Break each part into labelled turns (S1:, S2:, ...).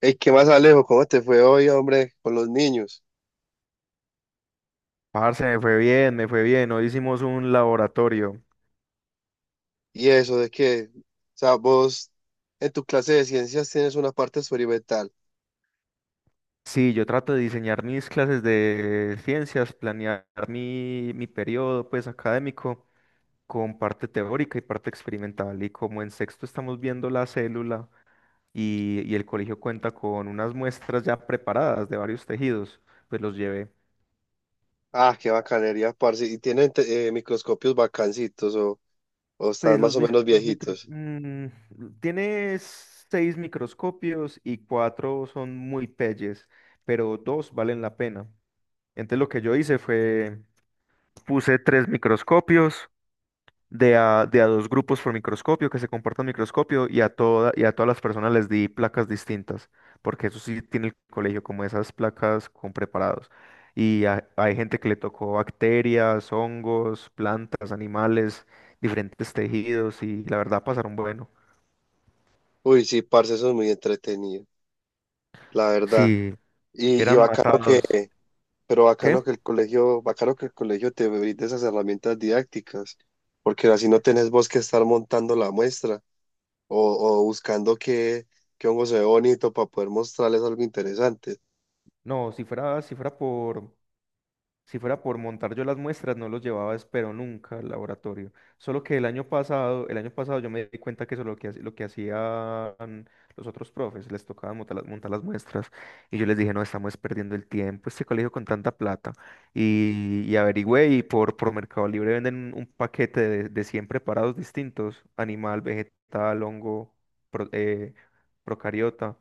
S1: Ey, ¿qué más, Alejo? ¿Cómo te fue hoy, hombre, con los niños?
S2: Parce, me fue bien, me fue bien. Hoy hicimos un laboratorio.
S1: Y eso de que, o sea, vos en tu clase de ciencias tienes una parte experimental.
S2: Sí, yo trato de diseñar mis clases de ciencias, planear mi periodo pues académico con parte teórica y parte experimental. Y como en sexto estamos viendo la célula y el colegio cuenta con unas muestras ya preparadas de varios tejidos, pues los llevé.
S1: Ah, qué bacanería, parce. Y tienen microscopios bacancitos o
S2: Pues
S1: están
S2: los,
S1: más o
S2: mic-
S1: menos
S2: los micro...
S1: viejitos.
S2: mm, tiene seis microscopios y cuatro son muy pelles, pero dos valen la pena. Entonces lo que yo hice fue, puse tres microscopios de a dos grupos por microscopio que se comportan microscopio y a todas las personas les di placas distintas, porque eso sí tiene el colegio, como esas placas con preparados. Hay gente que le tocó bacterias, hongos, plantas, animales, diferentes tejidos y la verdad pasaron bueno.
S1: Uy, sí, parce, eso es muy entretenido, la verdad.
S2: Si
S1: Y, y
S2: eran
S1: bacano que,
S2: matados, ¿qué?
S1: bacano que el colegio te brinde esas herramientas didácticas, porque así no tenés vos que estar montando la muestra o buscando qué hongo se ve bonito para poder mostrarles algo interesante.
S2: No, si fuera por montar yo las muestras, no los llevaba, espero nunca al laboratorio. Solo que el año pasado yo me di cuenta que eso es lo que hacían los otros profes, les tocaba montar las muestras. Y yo les dije, no, estamos perdiendo el tiempo, este colegio con tanta plata. Y averigüé y por Mercado Libre venden un paquete de 100 preparados distintos, animal, vegetal, hongo, pro- eh, procariota.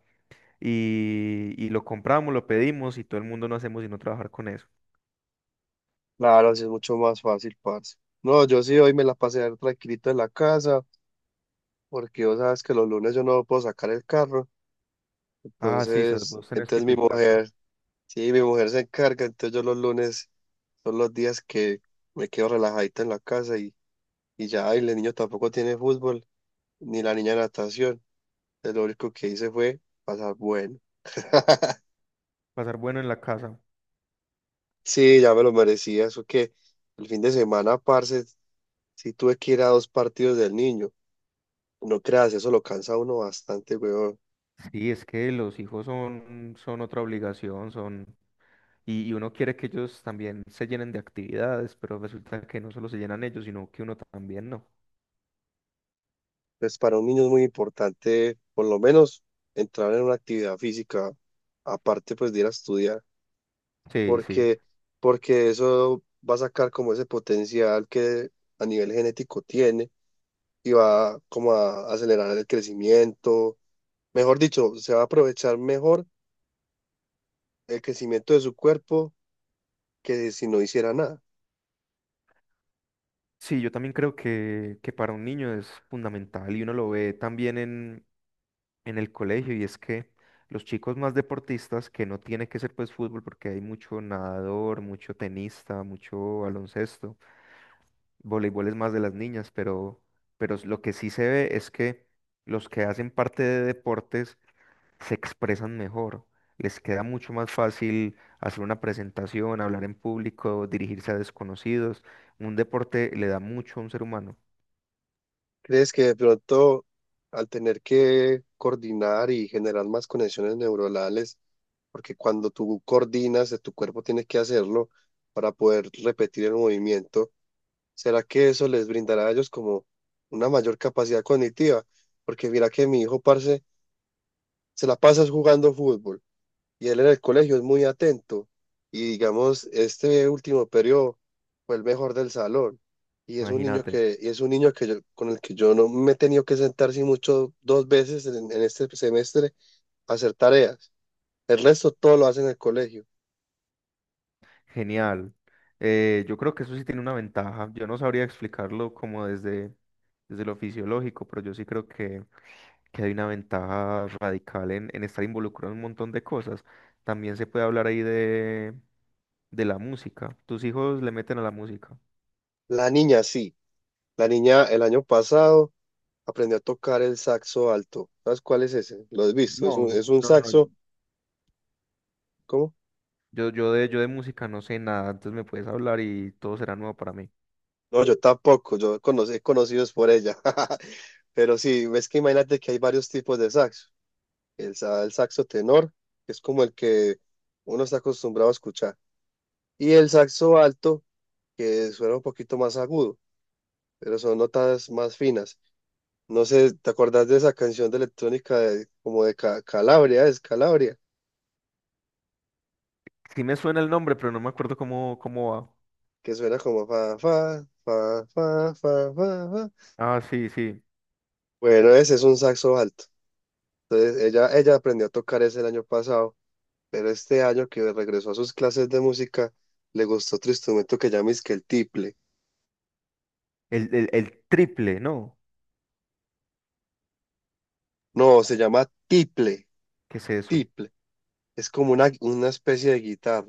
S2: Y lo compramos, lo pedimos y todo el mundo no hacemos sino trabajar con eso.
S1: Claro, así es mucho más fácil, parce. No, yo sí hoy me la pasé tranquilito en la casa, porque vos sabes que los lunes yo no puedo sacar el carro,
S2: Ah, sí, se
S1: entonces,
S2: vos tenés
S1: entonces
S2: pico y placa.
S1: sí, mi mujer se encarga, entonces yo los lunes son los días que me quedo relajadito en la casa y ya, y el niño tampoco tiene fútbol, ni la niña natación, entonces lo único que hice fue pasar bueno.
S2: Pasar bueno en la casa.
S1: Sí, ya me lo merecía. Eso que el fin de semana, parce, sí tuve que ir a dos partidos del niño. No creas, eso lo cansa a uno bastante, weón.
S2: Sí, es que los hijos son otra obligación, son... Y uno quiere que ellos también se llenen de actividades, pero resulta que no solo se llenan ellos, sino que uno también no.
S1: Pues para un niño es muy importante, por lo menos, entrar en una actividad física, aparte pues de ir a estudiar,
S2: Sí, sí.
S1: porque, porque eso va a sacar como ese potencial que a nivel genético tiene y va como a acelerar el crecimiento. Mejor dicho, se va a aprovechar mejor el crecimiento de su cuerpo que si no hiciera nada.
S2: Sí, yo también creo que para un niño es fundamental y uno lo ve también en el colegio y es que los chicos más deportistas, que no tiene que ser pues fútbol porque hay mucho nadador, mucho tenista, mucho baloncesto, voleibol es más de las niñas, pero lo que sí se ve es que los que hacen parte de deportes se expresan mejor, les queda mucho más fácil hacer una presentación, hablar en público, dirigirse a desconocidos. Un deporte le da mucho a un ser humano,
S1: ¿Crees que de pronto al tener que coordinar y generar más conexiones neuronales, porque cuando tú coordinas, tu cuerpo tiene que hacerlo para poder repetir el movimiento, será que eso les brindará a ellos como una mayor capacidad cognitiva? Porque mira que mi hijo, parce, se la pasa jugando fútbol y él en el colegio es muy atento. Y digamos, este último periodo fue el mejor del salón.
S2: imagínate.
S1: Y es un niño que yo- con el que yo no me he tenido que sentar sin mucho dos veces en este semestre a hacer tareas. El resto todo lo hace en el colegio.
S2: Genial. Yo creo que eso sí tiene una ventaja. Yo no sabría explicarlo como desde lo fisiológico, pero yo sí creo que hay una ventaja radical en estar involucrado en un montón de cosas. También se puede hablar ahí de la música. ¿Tus hijos le meten a la música?
S1: La niña sí. La niña el año pasado aprendió a tocar el saxo alto. ¿Sabes cuál es ese? Lo has visto. Es
S2: No,
S1: un,
S2: no,
S1: es un
S2: no, no.
S1: saxo. ¿Cómo?
S2: Yo de música no sé nada, entonces me puedes hablar y todo será nuevo para mí.
S1: No, yo tampoco, he conocido es por ella. Pero sí, ves que imagínate que hay varios tipos de saxo. El saxo tenor, que es como el que uno está acostumbrado a escuchar. Y el saxo alto, que suena un poquito más agudo, pero son notas más finas. No sé, ¿te acordás de esa canción de electrónica como de Calabria? Es Calabria,
S2: Sí me suena el nombre, pero no me acuerdo cómo va.
S1: que suena como fa, fa, fa, fa, fa, fa, fa.
S2: Ah, sí, sí.
S1: Bueno, ese es un saxo alto. Entonces, ella aprendió a tocar ese el año pasado, pero este año que regresó a sus clases de música, le gustó otro instrumento que llama es que el tiple.
S2: El triple, ¿no?
S1: No, se llama tiple,
S2: ¿Qué es eso?
S1: tiple. Es como una especie de guitarra.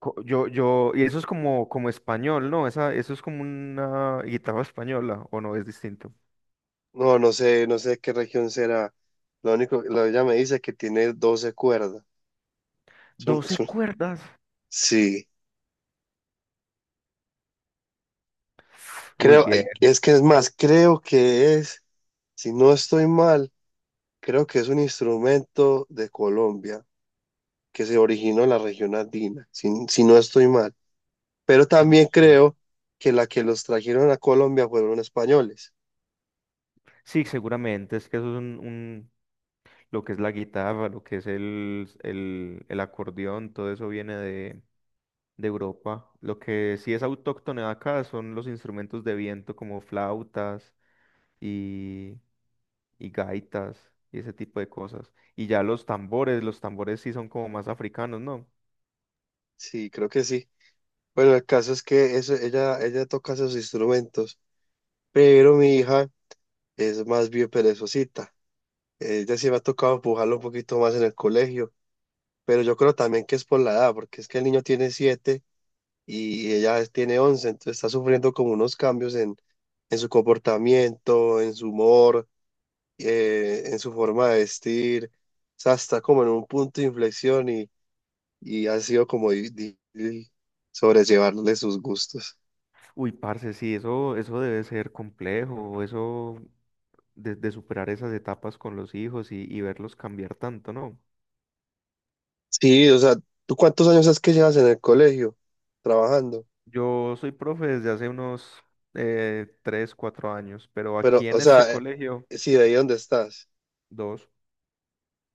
S2: Y eso es como español, ¿no? Eso es como una guitarra española, ¿o no? Es distinto.
S1: No, no sé, no sé de qué región será. Ella me dice que tiene 12 cuerdas. Es un-
S2: 12
S1: es un-
S2: cuerdas.
S1: sí,
S2: Uy,
S1: creo,
S2: bien.
S1: ay, es que es más, creo que es, si no estoy mal, creo que es un instrumento de Colombia que se originó en la región andina, si no estoy mal. Pero
S2: No
S1: también
S2: sé.
S1: creo que la que los trajeron a Colombia fueron españoles.
S2: Sí, seguramente. Es que eso es lo que es la guitarra, lo que es el acordeón, todo eso viene de Europa. Lo que sí es autóctono de acá son los instrumentos de viento como flautas y, y gaitas y ese tipo de cosas. Y ya los tambores sí son como más africanos, ¿no?
S1: Sí, creo que sí. Bueno, el caso es que eso, ella toca esos instrumentos, pero mi hija es más bien perezosita. Ella sí me ha tocado empujarla un poquito más en el colegio, pero yo creo también que es por la edad, porque es que el niño tiene 7 y ella tiene 11, entonces está sufriendo como unos cambios en su comportamiento, en su humor, en su forma de vestir. O sea, está como en un punto de inflexión y ha sido como difícil sobrellevarle sus gustos.
S2: Uy, parce, sí, eso debe ser complejo, eso de superar esas etapas con los hijos y verlos cambiar tanto, ¿no?
S1: Sí, o sea, ¿tú cuántos años es que llevas en el colegio trabajando?
S2: Yo soy profe desde hace unos tres, cuatro años, pero
S1: Pero,
S2: aquí
S1: o
S2: en
S1: sea,
S2: este colegio,
S1: sí, de ahí donde estás.
S2: dos,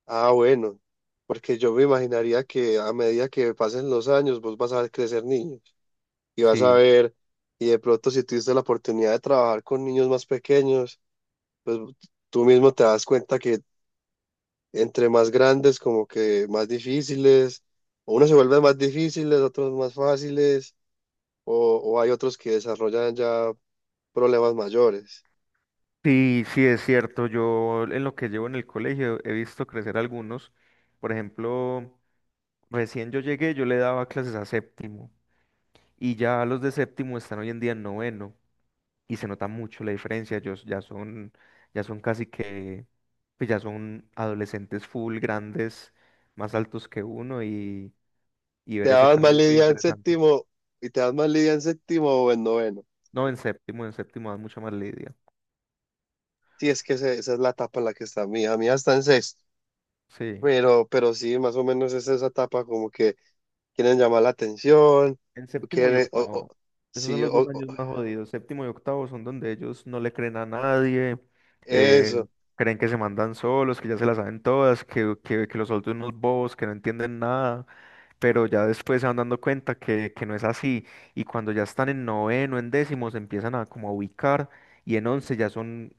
S1: Ah, bueno, porque yo me imaginaría que a medida que pasen los años vos vas a ver crecer niños y vas a
S2: sí.
S1: ver, y de pronto si tuviste la oportunidad de trabajar con niños más pequeños, pues tú mismo te das cuenta que entre más grandes, como que más difíciles, o unos se vuelven más difíciles, otros más fáciles, o hay otros que desarrollan ya problemas mayores.
S2: Sí, sí, es cierto. Yo en lo que llevo en el colegio he visto crecer algunos. Por ejemplo, recién yo llegué, yo le daba clases a séptimo y ya los de séptimo están hoy en día en noveno y se nota mucho la diferencia. Ellos ya son casi que, pues ya son adolescentes full, grandes, más altos que uno y
S1: Te
S2: ver ese
S1: daban más
S2: cambio ha sido
S1: lidia en
S2: interesante.
S1: séptimo y te dan más lidia en séptimo o en noveno.
S2: No, en séptimo, dan mucha más lidia.
S1: Sí, es que esa es la etapa en la que está mi hija. Mi hija está en sexto,
S2: Sí,
S1: pero sí, más o menos es esa etapa como que quieren llamar la atención,
S2: en
S1: o
S2: séptimo y
S1: quieren, o-
S2: octavo. Esos son
S1: sí,
S2: los dos años más jodidos. Séptimo y octavo son donde ellos no le creen a nadie, eh,
S1: eso,
S2: creen que se mandan solos, que ya se las saben todas, que los adultos son unos bobos, que no entienden nada, pero ya después se van dando cuenta que no es así. Y cuando ya están en noveno, en décimo, se empiezan a como a ubicar y en 11 ya son,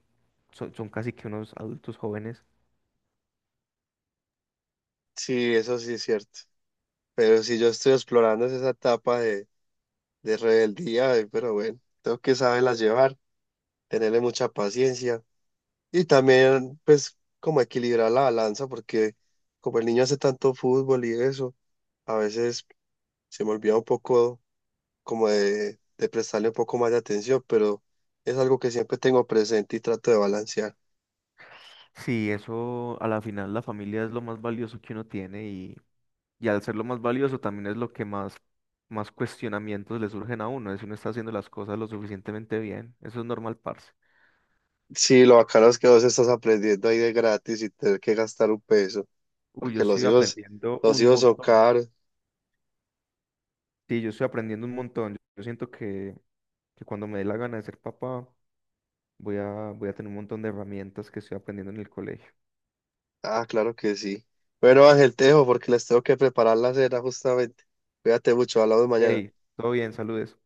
S2: son, son casi que unos adultos jóvenes.
S1: sí, eso sí es cierto. Pero si yo estoy explorando es esa etapa de rebeldía, pero bueno, tengo que saberlas llevar, tenerle mucha paciencia y también pues como equilibrar la balanza porque como el niño hace tanto fútbol y eso, a veces se me olvida un poco como de prestarle un poco más de atención, pero es algo que siempre tengo presente y trato de balancear.
S2: Sí, eso a la final la familia es lo más valioso que uno tiene. Y al ser lo más valioso también es lo que más cuestionamientos le surgen a uno, es si uno está haciendo las cosas lo suficientemente bien. Eso es normal, parce.
S1: Sí, lo bacano es que vos estás aprendiendo ahí de gratis y tener que gastar un peso,
S2: Uy, yo
S1: porque los
S2: estoy
S1: hijos,
S2: aprendiendo
S1: los
S2: un
S1: hijos son
S2: montón.
S1: caros.
S2: Sí, yo estoy aprendiendo un montón. Yo siento que cuando me dé la gana de ser papá, voy a tener un montón de herramientas que estoy aprendiendo en el colegio.
S1: Ah, claro que sí. Bueno, Ángel, te dejo porque les tengo que preparar la cena justamente. Cuídate mucho, hablamos mañana.
S2: Hey, todo bien, saludes.